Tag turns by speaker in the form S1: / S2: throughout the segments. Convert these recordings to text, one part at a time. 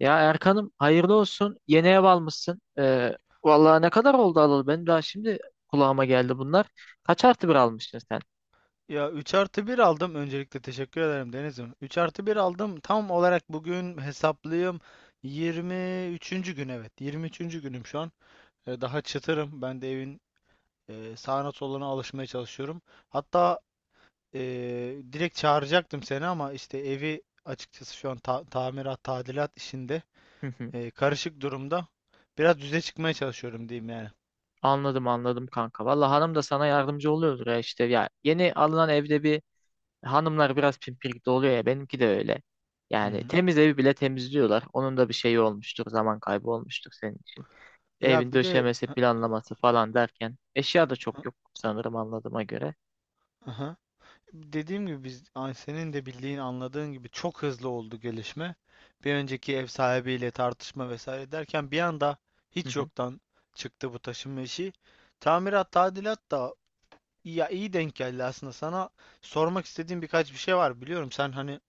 S1: Ya Erkan'ım hayırlı olsun. Yeni ev almışsın. Vallahi ne kadar oldu alalı? Benim daha şimdi kulağıma geldi bunlar. Kaç artı bir almışsın sen?
S2: Ya 3 artı 1 aldım, öncelikle teşekkür ederim Deniz'im. 3 artı 1 aldım, tam olarak bugün hesaplayayım, 23'üncü gün, evet 23'üncü günüm şu an. Daha çıtırım, ben de evin sağına soluna alışmaya çalışıyorum. Hatta direkt çağıracaktım seni, ama işte evi açıkçası şu an tamirat, tadilat işinde
S1: Hı hı.
S2: karışık durumda. Biraz düze çıkmaya çalışıyorum diyeyim yani.
S1: Anladım anladım kanka. Vallahi hanım da sana yardımcı oluyordur ya işte. Ya yeni alınan evde bir hanımlar biraz pimpirikli oluyor ya. Benimki de öyle.
S2: Hı
S1: Yani
S2: hı.
S1: temiz evi bile temizliyorlar. Onun da bir şeyi olmuştur. Zaman kaybı olmuştur senin için.
S2: Ya
S1: Evin
S2: bir de
S1: döşemesi,
S2: Hı
S1: planlaması falan derken. Eşya da
S2: hı,
S1: çok yok sanırım anladığıma göre.
S2: aha. Dediğim gibi biz, ay, senin de bildiğin, anladığın gibi çok hızlı oldu gelişme. Bir önceki ev sahibiyle tartışma vesaire derken bir anda
S1: Hı
S2: hiç
S1: hı.
S2: yoktan çıktı bu taşınma işi. Tamirat, tadilat da ya iyi denk geldi aslında sana. Sormak istediğim birkaç bir şey var, biliyorum sen hani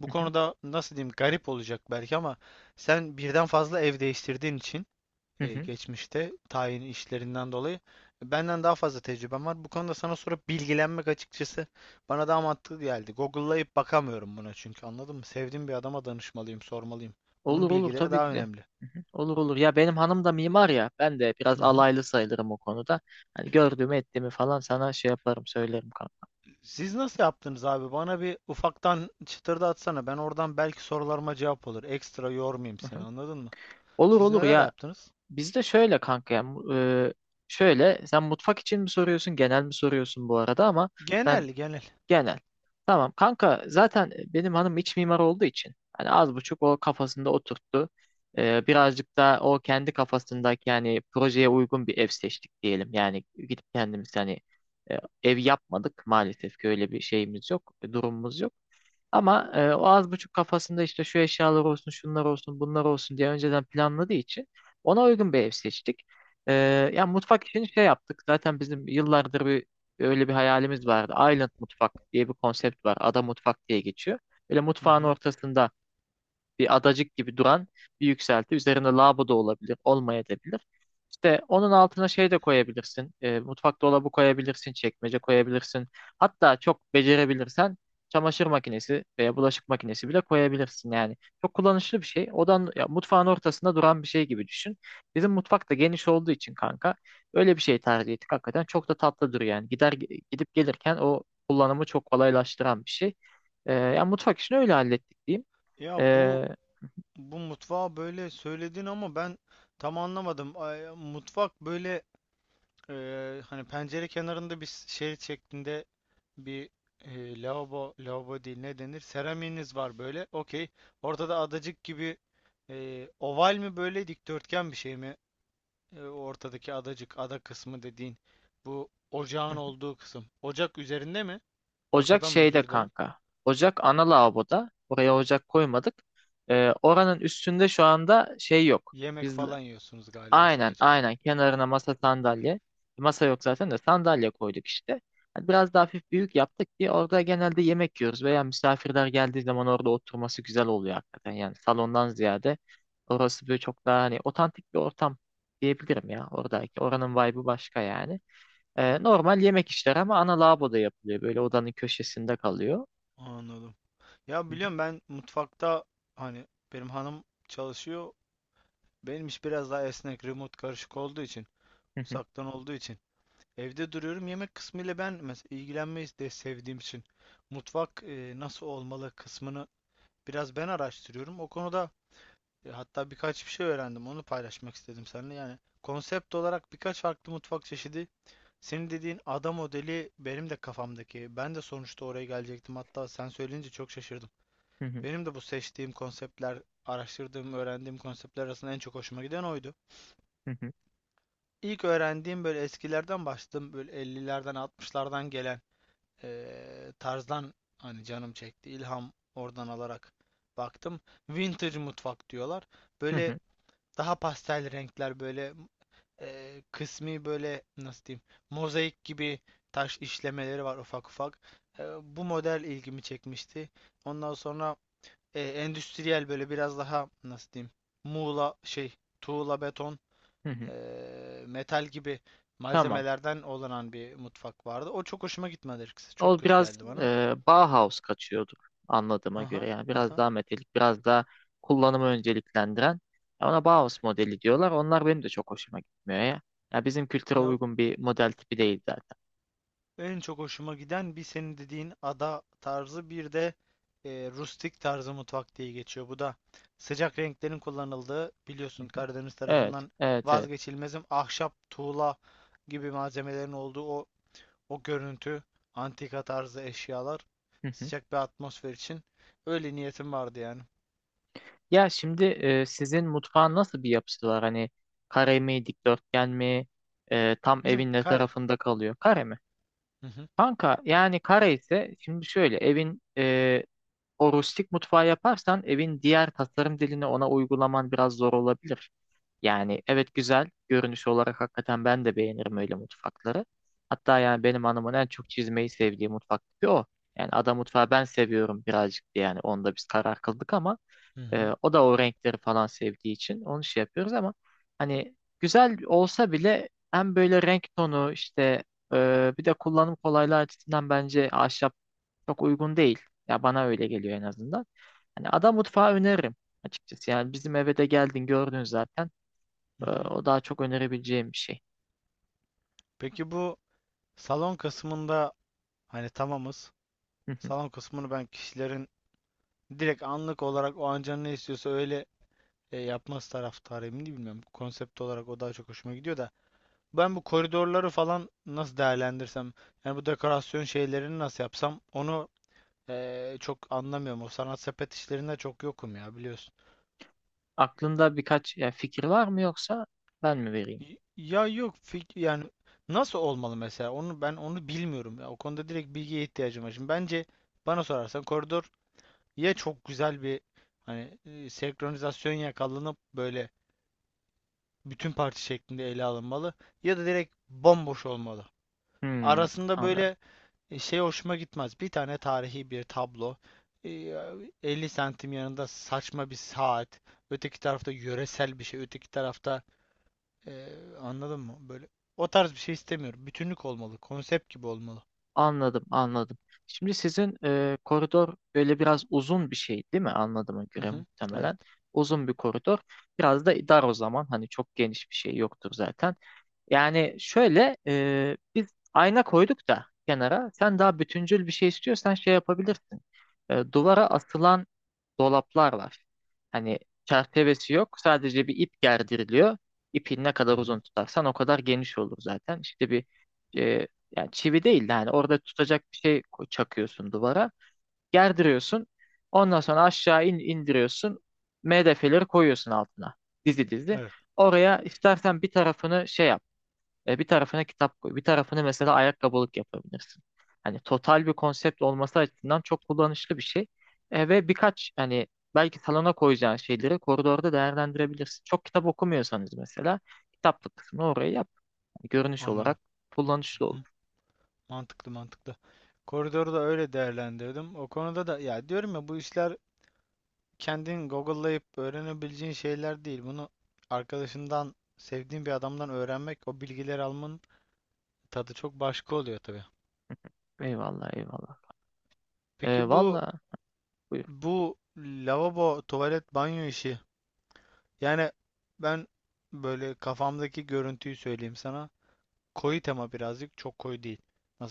S2: bu
S1: Hı hı.
S2: konuda, nasıl diyeyim, garip olacak belki ama sen birden fazla ev değiştirdiğin için,
S1: Hı hı.
S2: geçmişte tayin işlerinden dolayı benden daha fazla tecrübem var. Bu konuda sana sorup bilgilenmek açıkçası bana daha mantıklı geldi. Google'layıp bakamıyorum buna, çünkü anladın mı, sevdiğim bir adama danışmalıyım, sormalıyım. Onun
S1: Olur olur
S2: bilgileri
S1: tabii
S2: daha
S1: ki de.
S2: önemli.
S1: Hı hı. Olur olur. Ya benim hanım da mimar ya. Ben de biraz
S2: Hı hı.
S1: alaylı sayılırım o konuda. Hani gördüğümü ettiğimi falan sana şey yaparım söylerim kanka.
S2: Siz nasıl yaptınız abi? Bana bir ufaktan çıtırda atsana. Ben oradan belki sorularıma cevap olur. Ekstra yormayayım
S1: Hı
S2: seni,
S1: hı.
S2: anladın mı?
S1: Olur
S2: Siz
S1: olur
S2: neler
S1: ya.
S2: yaptınız?
S1: Bizde şöyle kanka ya. Şöyle sen mutfak için mi soruyorsun genel mi soruyorsun bu arada ama ben
S2: Genel, genel.
S1: Genel. Tamam kanka zaten benim hanım iç mimar olduğu için hani az buçuk o kafasında oturttu. Birazcık da o kendi kafasındaki yani projeye uygun bir ev seçtik diyelim. Yani gidip kendimiz hani e, ev yapmadık maalesef ki öyle bir şeyimiz yok, durumumuz yok. Ama o az buçuk kafasında işte şu eşyalar olsun, şunlar olsun, bunlar olsun diye önceden planladığı için ona uygun bir ev seçtik. E, Yani mutfak için şey yaptık. Zaten bizim yıllardır bir öyle bir hayalimiz vardı. Island mutfak diye bir konsept var. Ada mutfak diye geçiyor. Böyle
S2: Hı
S1: mutfağın
S2: hı.
S1: ortasında bir adacık gibi duran bir yükselti. Üzerinde lava da olabilir, olmayabilir. İşte onun altına şey de koyabilirsin. Mutfak dolabı koyabilirsin, çekmece koyabilirsin. Hatta çok becerebilirsen çamaşır makinesi veya bulaşık makinesi bile koyabilirsin yani. Çok kullanışlı bir şey. Odan ya, mutfağın ortasında duran bir şey gibi düşün. Bizim mutfak da geniş olduğu için kanka öyle bir şey tercih ettik. Hakikaten çok da tatlı duruyor yani. Gidip gelirken o kullanımı çok kolaylaştıran bir şey. Yani mutfak işini öyle hallettik diyeyim.
S2: Ya bu
S1: E,
S2: bu mutfağı böyle söyledin ama ben tam anlamadım. Ay, mutfak böyle, hani pencere kenarında bir şerit şeklinde bir, lavabo, lavabo değil, ne denir, seramiğiniz var böyle. Okey. Ortada adacık gibi, oval mi böyle, dikdörtgen bir şey mi? O ortadaki adacık, ada kısmı dediğin bu ocağın
S1: hı
S2: olduğu kısım. Ocak üzerinde mi?
S1: Ocak
S2: Ortada mı,
S1: şeyde
S2: özür dilerim.
S1: kanka. Ocak ana lavaboda. Oraya ocak koymadık. Oranın üstünde şu anda şey yok.
S2: Yemek
S1: Biz
S2: falan yiyorsunuz galiba
S1: aynen
S2: sadece.
S1: aynen kenarına masa sandalye. Masa yok zaten de sandalye koyduk işte. Hani Biraz daha hafif büyük yaptık ki orada genelde yemek yiyoruz veya misafirler geldiği zaman orada oturması güzel oluyor hakikaten. Yani salondan ziyade orası böyle çok daha hani otantik bir ortam diyebilirim ya oradaki. Oranın vibe'ı başka yani. Normal yemek işler ama ana lavaboda yapılıyor. Böyle odanın köşesinde kalıyor.
S2: Anladım. Ya
S1: Hı
S2: biliyorum ben mutfakta, hani benim hanım çalışıyor. Benim iş biraz daha esnek, remote karışık olduğu için,
S1: hı,
S2: uzaktan olduğu için. Evde duruyorum. Yemek kısmıyla ben mesela ilgilenmeyi de sevdiğim için mutfak nasıl olmalı kısmını biraz ben araştırıyorum. O konuda hatta birkaç bir şey öğrendim. Onu paylaşmak istedim seninle. Yani konsept olarak birkaç farklı mutfak çeşidi. Senin dediğin ada modeli benim de kafamdaki. Ben de sonuçta oraya gelecektim. Hatta sen söyleyince çok şaşırdım.
S1: hı hı,
S2: Benim de bu seçtiğim konseptler, araştırdığım, öğrendiğim konseptler arasında en çok hoşuma giden oydu.
S1: hı hı,
S2: İlk öğrendiğim, böyle eskilerden başladım. Böyle 50'lerden 60'lardan gelen tarzdan hani canım çekti. İlham oradan alarak baktım. Vintage mutfak diyorlar.
S1: hı
S2: Böyle
S1: hı,
S2: daha pastel renkler, böyle kısmi böyle, nasıl diyeyim, mozaik gibi taş işlemeleri var ufak ufak. Bu model ilgimi çekmişti. Ondan sonra endüstriyel, böyle biraz daha, nasıl diyeyim, muğla şey tuğla, beton,
S1: hı hı.
S2: metal gibi
S1: Tamam.
S2: malzemelerden olanan bir mutfak vardı. O çok hoşuma gitmedi açıkçası. Çok
S1: O
S2: kötü
S1: biraz
S2: geldi bana.
S1: Bauhaus kaçıyorduk anladığıma göre.
S2: Aha
S1: Yani biraz
S2: aha.
S1: daha metalik, biraz daha kullanımı önceliklendiren. Ya Ona Bauhaus modeli diyorlar. Onlar benim de çok hoşuma gitmiyor ya. Ya bizim kültüre
S2: Ya
S1: uygun bir model tipi değil zaten.
S2: en çok hoşuma giden bir senin dediğin ada tarzı, bir de rustik tarzı mutfak diye geçiyor. Bu da sıcak renklerin kullanıldığı,
S1: Hı
S2: biliyorsun
S1: hı.
S2: Karadeniz
S1: Evet,
S2: tarafından
S1: evet, evet.
S2: vazgeçilmezim, ahşap, tuğla gibi malzemelerin olduğu o o görüntü, antika tarzı eşyalar, sıcak bir atmosfer için öyle niyetim vardı yani.
S1: Ya şimdi sizin mutfağın nasıl bir yapısı var? Hani kare mi, dikdörtgen mi, tam
S2: Bizim
S1: evin ne
S2: kare.
S1: tarafında kalıyor? Kare mi?
S2: Hı hı,
S1: Kanka yani kare ise şimdi şöyle evin o rustik mutfağı yaparsan evin diğer tasarım dilini ona uygulaman biraz zor olabilir. Yani evet güzel görünüş olarak hakikaten ben de beğenirim öyle mutfakları. Hatta yani benim hanımın en çok çizmeyi sevdiği mutfak tipi o. Yani ada mutfağı ben seviyorum birazcık diye yani onda biz karar kıldık ama
S2: hı hı,
S1: o da o renkleri falan sevdiği için onu şey yapıyoruz ama hani güzel olsa bile hem böyle renk tonu işte bir de kullanım kolaylığı açısından bence ahşap çok uygun değil. Ya bana öyle geliyor en azından. Hani ada mutfağı öneririm açıkçası. Yani bizim eve de geldin gördün zaten.
S2: hı hı.
S1: O daha çok önerebileceğim bir şey.
S2: Peki bu salon kısmında hani tamamız. Salon kısmını ben kişilerin direkt anlık olarak o an canı ne istiyorsa öyle yapması taraftarıyım, değil bilmiyorum. Konsept olarak o daha çok hoşuma gidiyor da. Ben bu koridorları falan nasıl değerlendirsem, yani bu dekorasyon şeylerini nasıl yapsam, onu çok anlamıyorum. O sanat sepet işlerinde çok yokum ya, biliyorsun.
S1: Aklında birkaç ya fikir var mı yoksa ben mi vereyim?
S2: Y- Ya yok fik- yani nasıl olmalı mesela, onu bilmiyorum ya, o konuda direkt bilgiye ihtiyacım var. Şimdi bence bana sorarsan koridor ya çok güzel bir, hani senkronizasyon yakalanıp böyle bütün parti şeklinde ele alınmalı, ya da direkt bomboş olmalı.
S1: Hmm,
S2: Arasında
S1: Anladım.
S2: böyle, şey hoşuma gitmez. Bir tane tarihi bir tablo, e, 50 santim yanında saçma bir saat, öteki tarafta yöresel bir şey, öteki tarafta ee, anladın mı? Böyle o tarz bir şey istemiyorum. Bütünlük olmalı. Konsept gibi olmalı.
S1: Anladım, anladım. Şimdi sizin koridor böyle biraz uzun bir şey değil mi? Anladığıma
S2: Hı
S1: göre
S2: hı. Evet.
S1: muhtemelen. Uzun bir koridor. Biraz da dar o zaman. Hani çok geniş bir şey yoktur zaten. Yani şöyle biz ayna koyduk da kenara. Sen daha bütüncül bir şey istiyorsan şey yapabilirsin. Duvara asılan dolaplar var. Hani çerçevesi yok. Sadece bir ip gerdiriliyor. İpin ne
S2: Hı
S1: kadar uzun
S2: hı.
S1: tutarsan o kadar geniş olur zaten. İşte bir e, yani çivi değil de hani orada tutacak bir şey ko- çakıyorsun duvara. Gerdiriyorsun. Ondan sonra aşağı in, indiriyorsun. MDF'leri koyuyorsun altına. Dizi dizi.
S2: Evet.
S1: Oraya istersen bir tarafını şey yap. Bir tarafına kitap koy. Bir tarafını mesela ayakkabılık yapabilirsin. Hani total bir konsept olması açısından çok kullanışlı bir şey. Ve birkaç hani belki salona koyacağın şeyleri koridorda değerlendirebilirsin. Çok kitap okumuyorsanız mesela kitaplık kısmını oraya yap. Hani Görünüş
S2: Anladım.
S1: olarak kullanışlı
S2: Hı
S1: olur.
S2: hı. Mantıklı, mantıklı. Koridoru da öyle değerlendirdim. O konuda da ya, diyorum ya, bu işler kendin Google'layıp öğrenebileceğin şeyler değil. Bunu arkadaşından, sevdiğin bir adamdan öğrenmek, o bilgileri almanın tadı çok başka oluyor tabii.
S1: Eyvallah eyvallah.
S2: Peki bu
S1: Valla buyur.
S2: bu lavabo, tuvalet, banyo işi. Yani ben böyle kafamdaki görüntüyü söyleyeyim sana. Koyu tema, birazcık, çok koyu değil.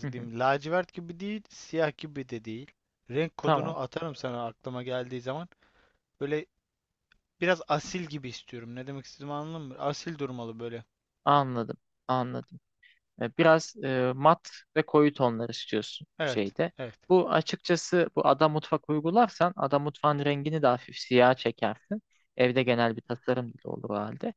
S1: Hı hı.
S2: diyeyim? Lacivert gibi değil, siyah gibi de değil. Renk
S1: Tamam
S2: kodunu atarım sana aklıma geldiği zaman. Böyle biraz asil gibi istiyorum. Ne demek istediğimi anladın mı? Asil durmalı böyle.
S1: anladım anladım. Biraz mat ve koyu tonlar istiyorsun
S2: Evet,
S1: şeyde.
S2: evet.
S1: Bu açıkçası bu ada mutfak uygularsan ada mutfağın rengini de hafif siyah çekersin. Evde genel bir tasarım bile olur o halde.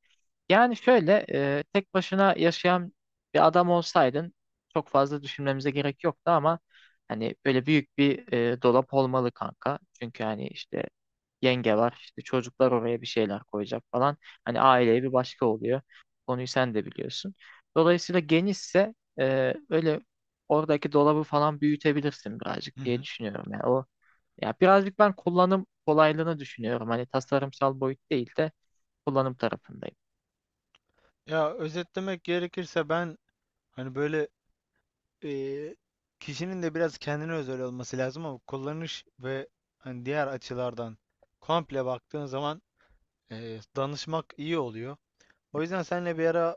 S1: Yani şöyle tek başına yaşayan bir adam olsaydın çok fazla düşünmemize gerek yoktu ama hani böyle büyük bir dolap olmalı kanka. Çünkü hani işte yenge var işte çocuklar oraya bir şeyler koyacak falan. Hani aileye bir başka oluyor. Konuyu sen de biliyorsun. Dolayısıyla genişse böyle oradaki dolabı falan büyütebilirsin birazcık
S2: Hı
S1: diye
S2: hı.
S1: düşünüyorum. Yani o ya birazcık ben kullanım kolaylığını düşünüyorum. Hani tasarımsal boyut değil de kullanım tarafındayım.
S2: Ya özetlemek gerekirse ben hani böyle, eee, kişinin de biraz kendine özel olması lazım ama kullanış ve hani diğer açılardan komple baktığın zaman danışmak iyi oluyor. O yüzden senle bir ara,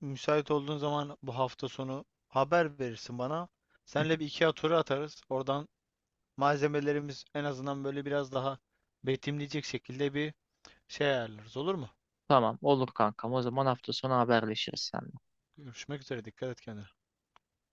S2: müsait olduğun zaman bu hafta sonu haber verirsin bana. Senle bir IKEA turu atarız. Oradan malzemelerimiz en azından böyle biraz daha betimleyecek şekilde bir şey ayarlarız, olur mu?
S1: Tamam olur kankam. O zaman hafta sonu haberleşiriz sen.
S2: Görüşmek üzere, dikkat et kendine.